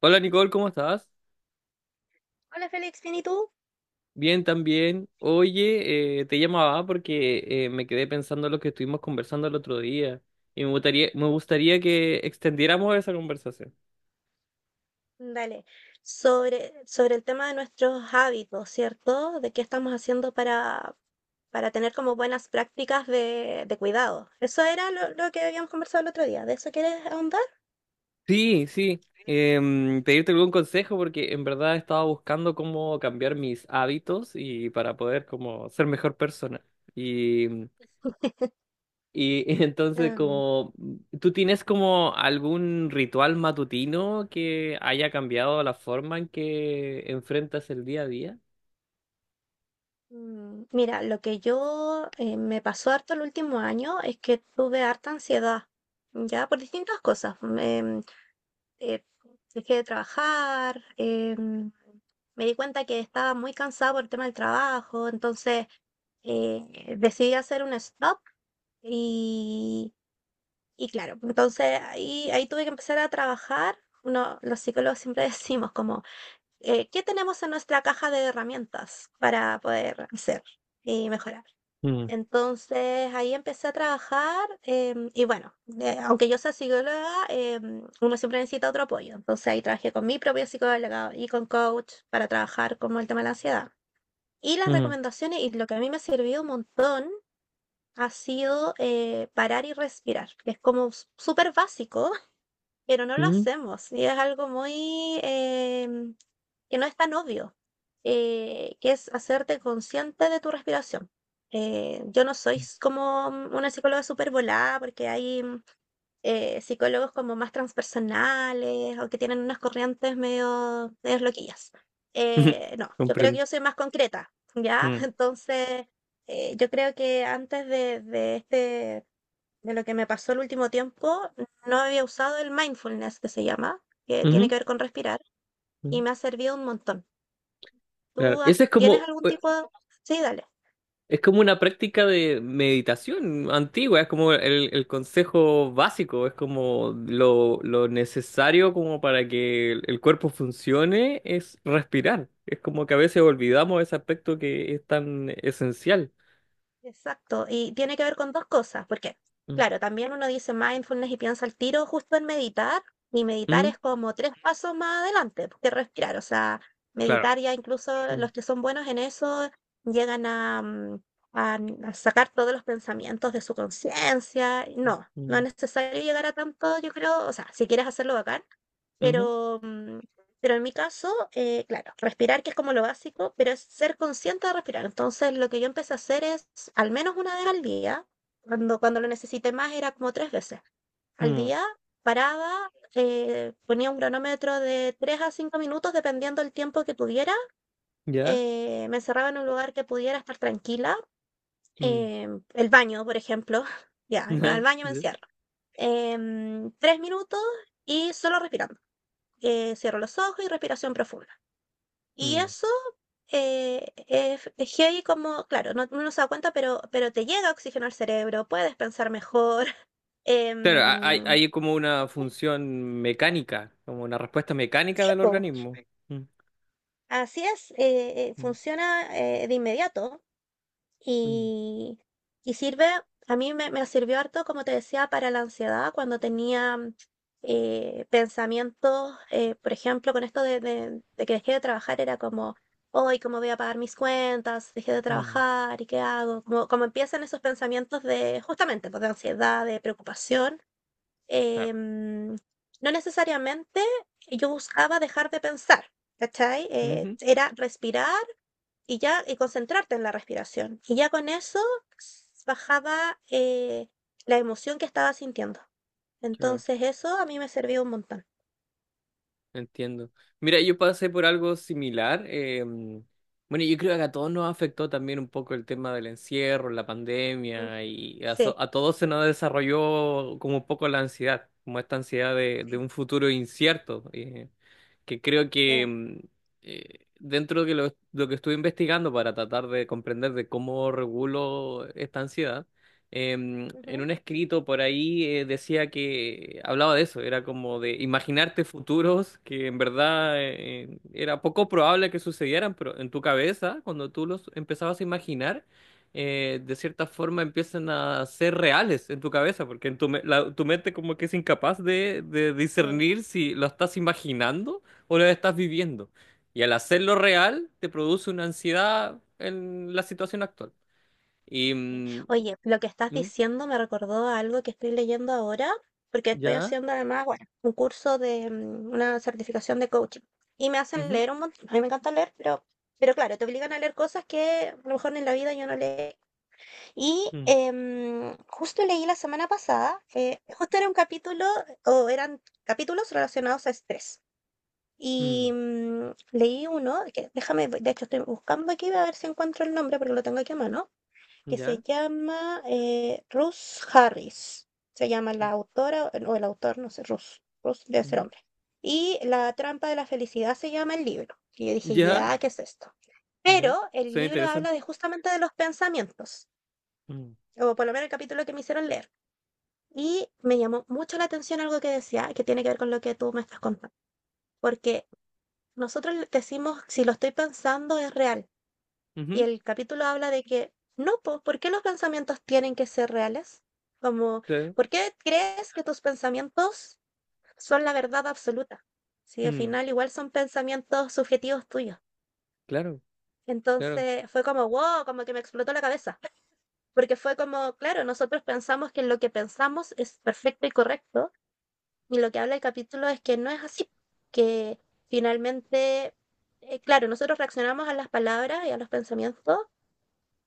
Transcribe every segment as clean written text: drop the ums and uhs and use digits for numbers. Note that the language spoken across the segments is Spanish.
Hola Nicole, ¿cómo estás? Hola Félix, ¿bien y tú? Bien, también. Oye, te llamaba porque me quedé pensando en lo que estuvimos conversando el otro día y me gustaría que extendiéramos esa conversación. Dale. Sobre el tema de nuestros hábitos, ¿cierto? De qué estamos haciendo para tener como buenas prácticas de cuidado. Eso era lo que habíamos conversado el otro día. ¿De eso quieres ahondar? Sí, sí. Pedirte algún consejo porque en verdad estaba buscando cómo cambiar mis hábitos y para poder como ser mejor persona. Y Y entonces, Em, como, ¿tú tienes como algún ritual matutino que haya cambiado la forma en que enfrentas el día a día? Mira, lo que yo me pasó harto el último año es que tuve harta ansiedad, ya por distintas cosas. Eh, dejé de trabajar. Me di cuenta que estaba muy cansada por el tema del trabajo, entonces decidí hacer un stop y, y claro. Entonces ahí tuve que empezar a trabajar. Uno, los psicólogos siempre decimos como, ¿qué tenemos en nuestra caja de herramientas para poder hacer y mejorar? Mm, Entonces ahí empecé a trabajar, y bueno, aunque yo sea psicóloga, uno siempre necesita otro apoyo. Entonces ahí trabajé con mi propia psicóloga y con coach para trabajar como el tema de la ansiedad. Y las mm, recomendaciones y lo que a mí me ha servido un montón ha sido, parar y respirar, que es como súper básico, pero no lo mm. hacemos y es algo muy, que no es tan obvio, que es hacerte consciente de tu respiración. Yo no soy como una psicóloga súper volada, porque hay, psicólogos como más transpersonales o que tienen unas corrientes medio, medio loquillas. No, yo creo que Comprendo. yo soy más concreta, ¿ya? Mm, Entonces, yo creo que antes de este, de lo que me pasó el último tiempo, no había usado el mindfulness que se llama, que tiene ujú, que ver con respirar, y mm. me ha servido un montón. Claro. ¿Tú Ese es tienes como, algún tipo de... Sí, dale. es como una práctica de meditación antigua, es como el consejo básico, es como lo necesario como para que el cuerpo funcione es respirar. Es como que a veces olvidamos ese aspecto que es tan esencial. Exacto, y tiene que ver con dos cosas. Porque Mm, claro, también uno dice mindfulness y piensa al tiro justo en meditar, y meditar mm, es como 3 pasos más adelante que respirar. O sea, claro. meditar, ya incluso Mm, los que son buenos en eso llegan a, mm, a n- a sacar todos los pensamientos de su conciencia. No, no mm, es necesario llegar a tanto, yo creo. O sea, si quieres hacerlo, bacán, ujú, pero mm, pero en mi caso, claro, respirar, que es como lo básico, pero es ser consciente de respirar. Entonces, lo que yo empecé a hacer es, al menos una vez al día, cuando lo necesité más, era como tres veces al mm, día, paraba, ponía un cronómetro de 3 a 5 minutos, dependiendo del tiempo que tuviera. ¿ya? Me encerraba en un lugar que pudiera estar tranquila. Mm, eh, el baño, por ejemplo. Ya, me voy al baño, me ya, encierro. 3 minutos y solo respirando. Cierro los ojos y respiración profunda. Y mm. eso, es heavy, como, claro, no, uno no se da cuenta, pero te llega oxígeno al cerebro, puedes pensar mejor. Claro, hay, em, hay como una función mecánica, como una respuesta mecánica sí, del po, organismo. Mm, así es. Mm, Funciona, de inmediato. mm, Y, y sirve. A mí me sirvió harto, como te decía, para la ansiedad, cuando tenía, pensamientos, por ejemplo. Con esto de que dejé de trabajar, era como, hoy, ¿cómo voy a pagar mis cuentas? Dejé de mm, trabajar, ¿y qué hago? Como, como empiezan esos pensamientos de, justamente, pues, de ansiedad, de preocupación. claro. eh, mm, no necesariamente yo buscaba dejar de pensar, ¿cachai? Ujú, Era respirar y ya, y concentrarte en la respiración. Y ya con eso, bajaba, la emoción que estaba sintiendo. claro, Entonces eso a mí me sirvió un montón. entiendo. Mira, yo pasé por algo similar. Bueno, yo creo que a todos nos afectó también un poco el tema del encierro, la Mm. pandemia, y a, Sí, a todos se nos desarrolló como un poco la ansiedad, como esta ansiedad de sí, un futuro incierto, que creo que sí. Dentro de lo que estuve investigando para tratar de comprender de cómo regulo esta ansiedad, en Ujú. un escrito por ahí decía que hablaba de eso, era como de imaginarte futuros que en verdad era poco probable que sucedieran, pero en tu cabeza, cuando tú los empezabas a imaginar, de cierta forma empiezan a ser reales en tu cabeza, porque en tu, tu mente como que es incapaz de Sí, discernir si lo estás imaginando o lo estás viviendo. Y al hacerlo real, te produce una ansiedad en la situación actual. Y, sí. mm, Oye, lo que estás ¿mm? diciendo me recordó a algo que estoy leyendo ahora, porque estoy Ya, haciendo, además, bueno, un curso de, una certificación de coaching. Y me hacen ujú, leer un montón. A mí me encanta leer, pero claro, te obligan a leer cosas que a lo mejor en la vida yo no leí. Y mm, justo leí la semana pasada, justo era un capítulo, o eran capítulos relacionados a estrés. Y mm, leí uno, que, déjame, de hecho estoy buscando aquí a ver si encuentro el nombre porque lo tengo aquí a mano, que se ya, llama, Ruth Harris. Se llama la autora o el autor, no sé, Ruth. Ruth debe ser ujú, hombre. Y La trampa de la felicidad se llama el libro. Y yo dije, ya, ya, ¿qué es esto? Pero ya, el suena libro interesante. habla de, justamente, de los pensamientos, Mm, o por lo menos el capítulo que me hicieron leer. Y me llamó mucho la atención algo que decía, que tiene que ver con lo que tú me estás contando, porque nosotros le decimos, si lo estoy pensando, es real. Y ujú, el capítulo habla de que no, po, ¿por qué los pensamientos tienen que ser reales? Como, claro, ¿por qué crees que tus pensamientos son la verdad absoluta? Si al mm, final igual son pensamientos subjetivos tuyos. claro, claro, Entonces fue como, wow, como que me explotó la cabeza, porque fue como, claro, nosotros pensamos que lo que pensamos es perfecto y correcto. Y lo que habla el capítulo es que no es así, que finalmente, claro, nosotros reaccionamos a las palabras y a los pensamientos,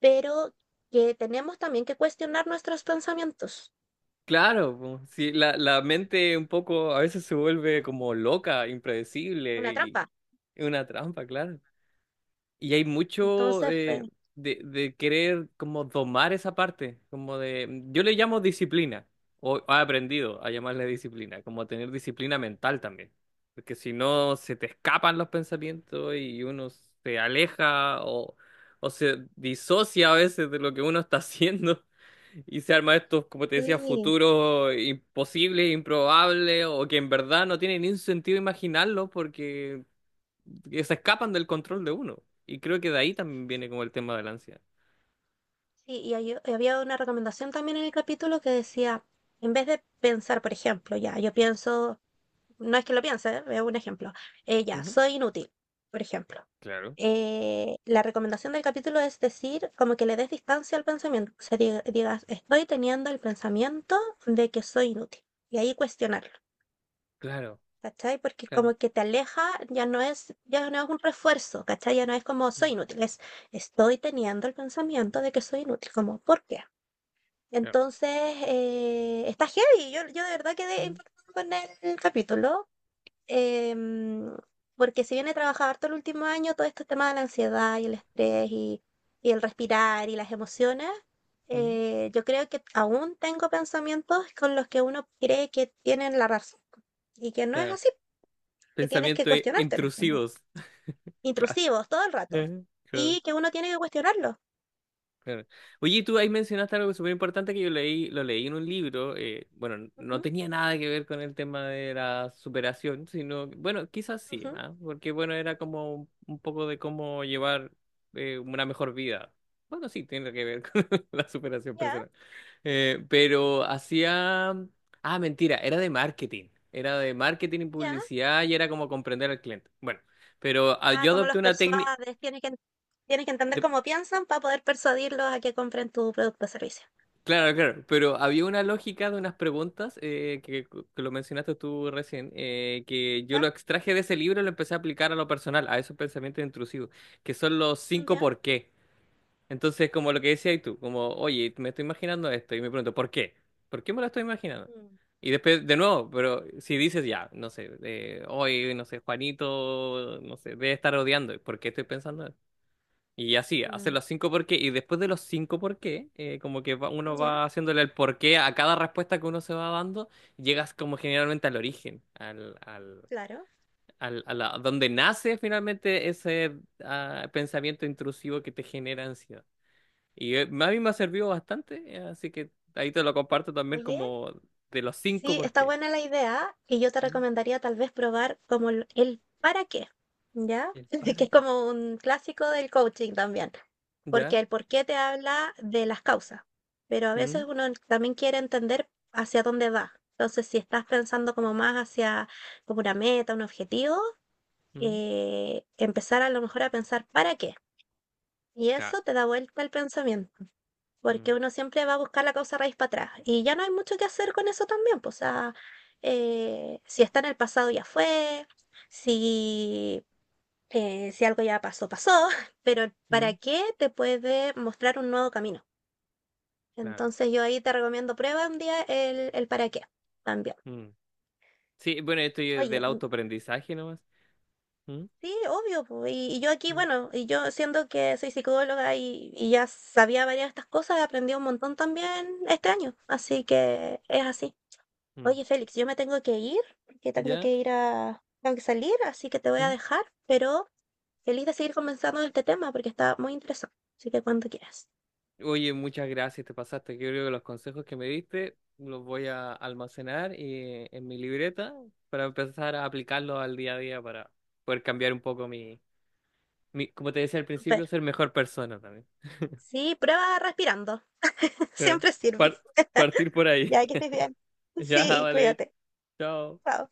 pero que tenemos también que cuestionar nuestros pensamientos. claro, po. Sí, la mente un poco a veces se vuelve como loca, impredecible Una y trampa. es una trampa, claro. Y hay mucho Entonces fue, de querer como domar esa parte, como de, mm, yo le llamo disciplina, o he aprendido a llamarle disciplina, como tener disciplina mental también, porque si no se te escapan los pensamientos y uno se aleja o se disocia a veces de lo que uno está haciendo y se arma estos, como te decía, sí, futuros imposibles, improbables o que en verdad no tiene ni un sentido imaginarlo porque que se escapan del control de uno. Y creo que de ahí también viene como el tema de la ansiedad. sí, y había una recomendación también en el capítulo que decía, en vez de pensar, por ejemplo, ya, yo pienso... No es que lo piense, es un ejemplo. Ya, Ujú. soy inútil, por ejemplo. Claro. La recomendación del capítulo es decir, como que le des distancia al pensamiento. O sea, digas, estoy teniendo el pensamiento de que soy inútil. Y ahí cuestionarlo, Claro, ¿cachai? Porque como claro. que te aleja, ya no es un refuerzo, ¿cachai? Ya no es como soy Mm, inútil, es estoy teniendo el pensamiento de que soy inútil. Como, ¿por qué? claro. Entonces, está heavy. Yo de verdad quedé Mm, impactada con el capítulo. Em, porque si bien he trabajado harto el último año, todo este tema de la ansiedad y el estrés, y el respirar y las emociones, mm, yo creo que aún tengo pensamientos con los que uno cree que tienen la razón y que no es claro. así, que tienes que Pensamientos cuestionártelos. También. intrusivos. Claro. Intrusivos todo el rato, Claro. y que uno tiene que cuestionarlos. Claro. Oye, y tú ahí mencionaste algo súper importante que yo leí, lo leí en un libro, bueno, no Ujú, tenía nada que ver con el tema de la superación, sino, bueno, quizás sí, ujú. ¿ah? Porque bueno, era como un poco de cómo llevar una mejor vida. Bueno, sí, tiene que ver con la superación Ya, personal. Pero hacía... Ah, mentira, era de marketing y ya. publicidad y era como comprender al cliente. Bueno, pero ah, Ah, yo como adopté los una técnica... persuades, tienes que, entender cómo piensan para poder persuadirlos a que compren tu producto o servicio. Claro, claro, pero había una lógica de unas preguntas que lo mencionaste tú recién, que yo lo ¿Ya? extraje de ese libro y lo empecé a aplicar a lo personal, a esos pensamientos intrusivos, que son los 5 por qué. Entonces, como lo que decías tú, como, oye, me estoy imaginando esto y me pregunto, ¿por qué? ¿Por qué me lo estoy imaginando? ¿Ya? Y después, de nuevo, pero si dices ya, no sé, hoy, no sé, Juanito, no sé, debe estar odiando, ¿por qué estoy pensando? Y así, hace Mm, los 5 por qué. Y después de los 5 por qué, como que uno ya, va haciéndole el por qué a cada respuesta que uno se va dando, llegas como generalmente al origen, al, al, claro. al, donde nace finalmente ese ah, pensamiento intrusivo que te genera ansiedad. Y a mí me ha servido bastante, así que ahí te lo comparto también Oye, como de los cinco sí, por está qué. buena la idea y yo te Mm, recomendaría tal vez probar como el para qué, ¿ya? ¿el Que para es qué? como un clásico del coaching también, porque ¿Ya? el por qué te habla de las causas, pero a Mm, veces uno también quiere entender hacia dónde va. Entonces, si estás pensando como más hacia como una meta, un objetivo, mm, empezar a lo mejor a pensar para qué. Y claro. eso te da vuelta el pensamiento. Porque Mm, uno siempre va a buscar la causa raíz para atrás y ya no hay mucho que hacer con eso también, pues, o sea, si está en el pasado, ya fue. Si, eh, si algo ya pasó, pasó, pero para mm, qué te puede mostrar un nuevo camino. claro. Entonces yo ahí te recomiendo, prueba un día el para qué también. Mm. Sí, bueno, esto ya es Oye, del autoaprendizaje nomás. Mm, sí, obvio, po. Y yo aquí, mm, bueno, y yo siendo que soy psicóloga, y ya sabía varias de estas cosas, aprendí un montón también este año. Así que es así. mm. Oye, Félix, yo me tengo que ir, porque tengo ¿Ya? que ir a... Tengo que salir, así que te voy a Mm. dejar, pero feliz de seguir conversando de este tema porque está muy interesante. Así que cuando quieras. Oye, muchas gracias, te pasaste. Yo creo que los consejos que me diste los voy a almacenar y, en mi libreta para empezar a aplicarlos al día a día para poder cambiar un poco mi, mi, como te decía al Súper. principio, ser mejor persona también. Sí, prueba respirando. Claro. Siempre sirve. Par- Partir por ahí. Ya, que estés bien. Ya, Sí, vale. cuídate. Chao. Chao.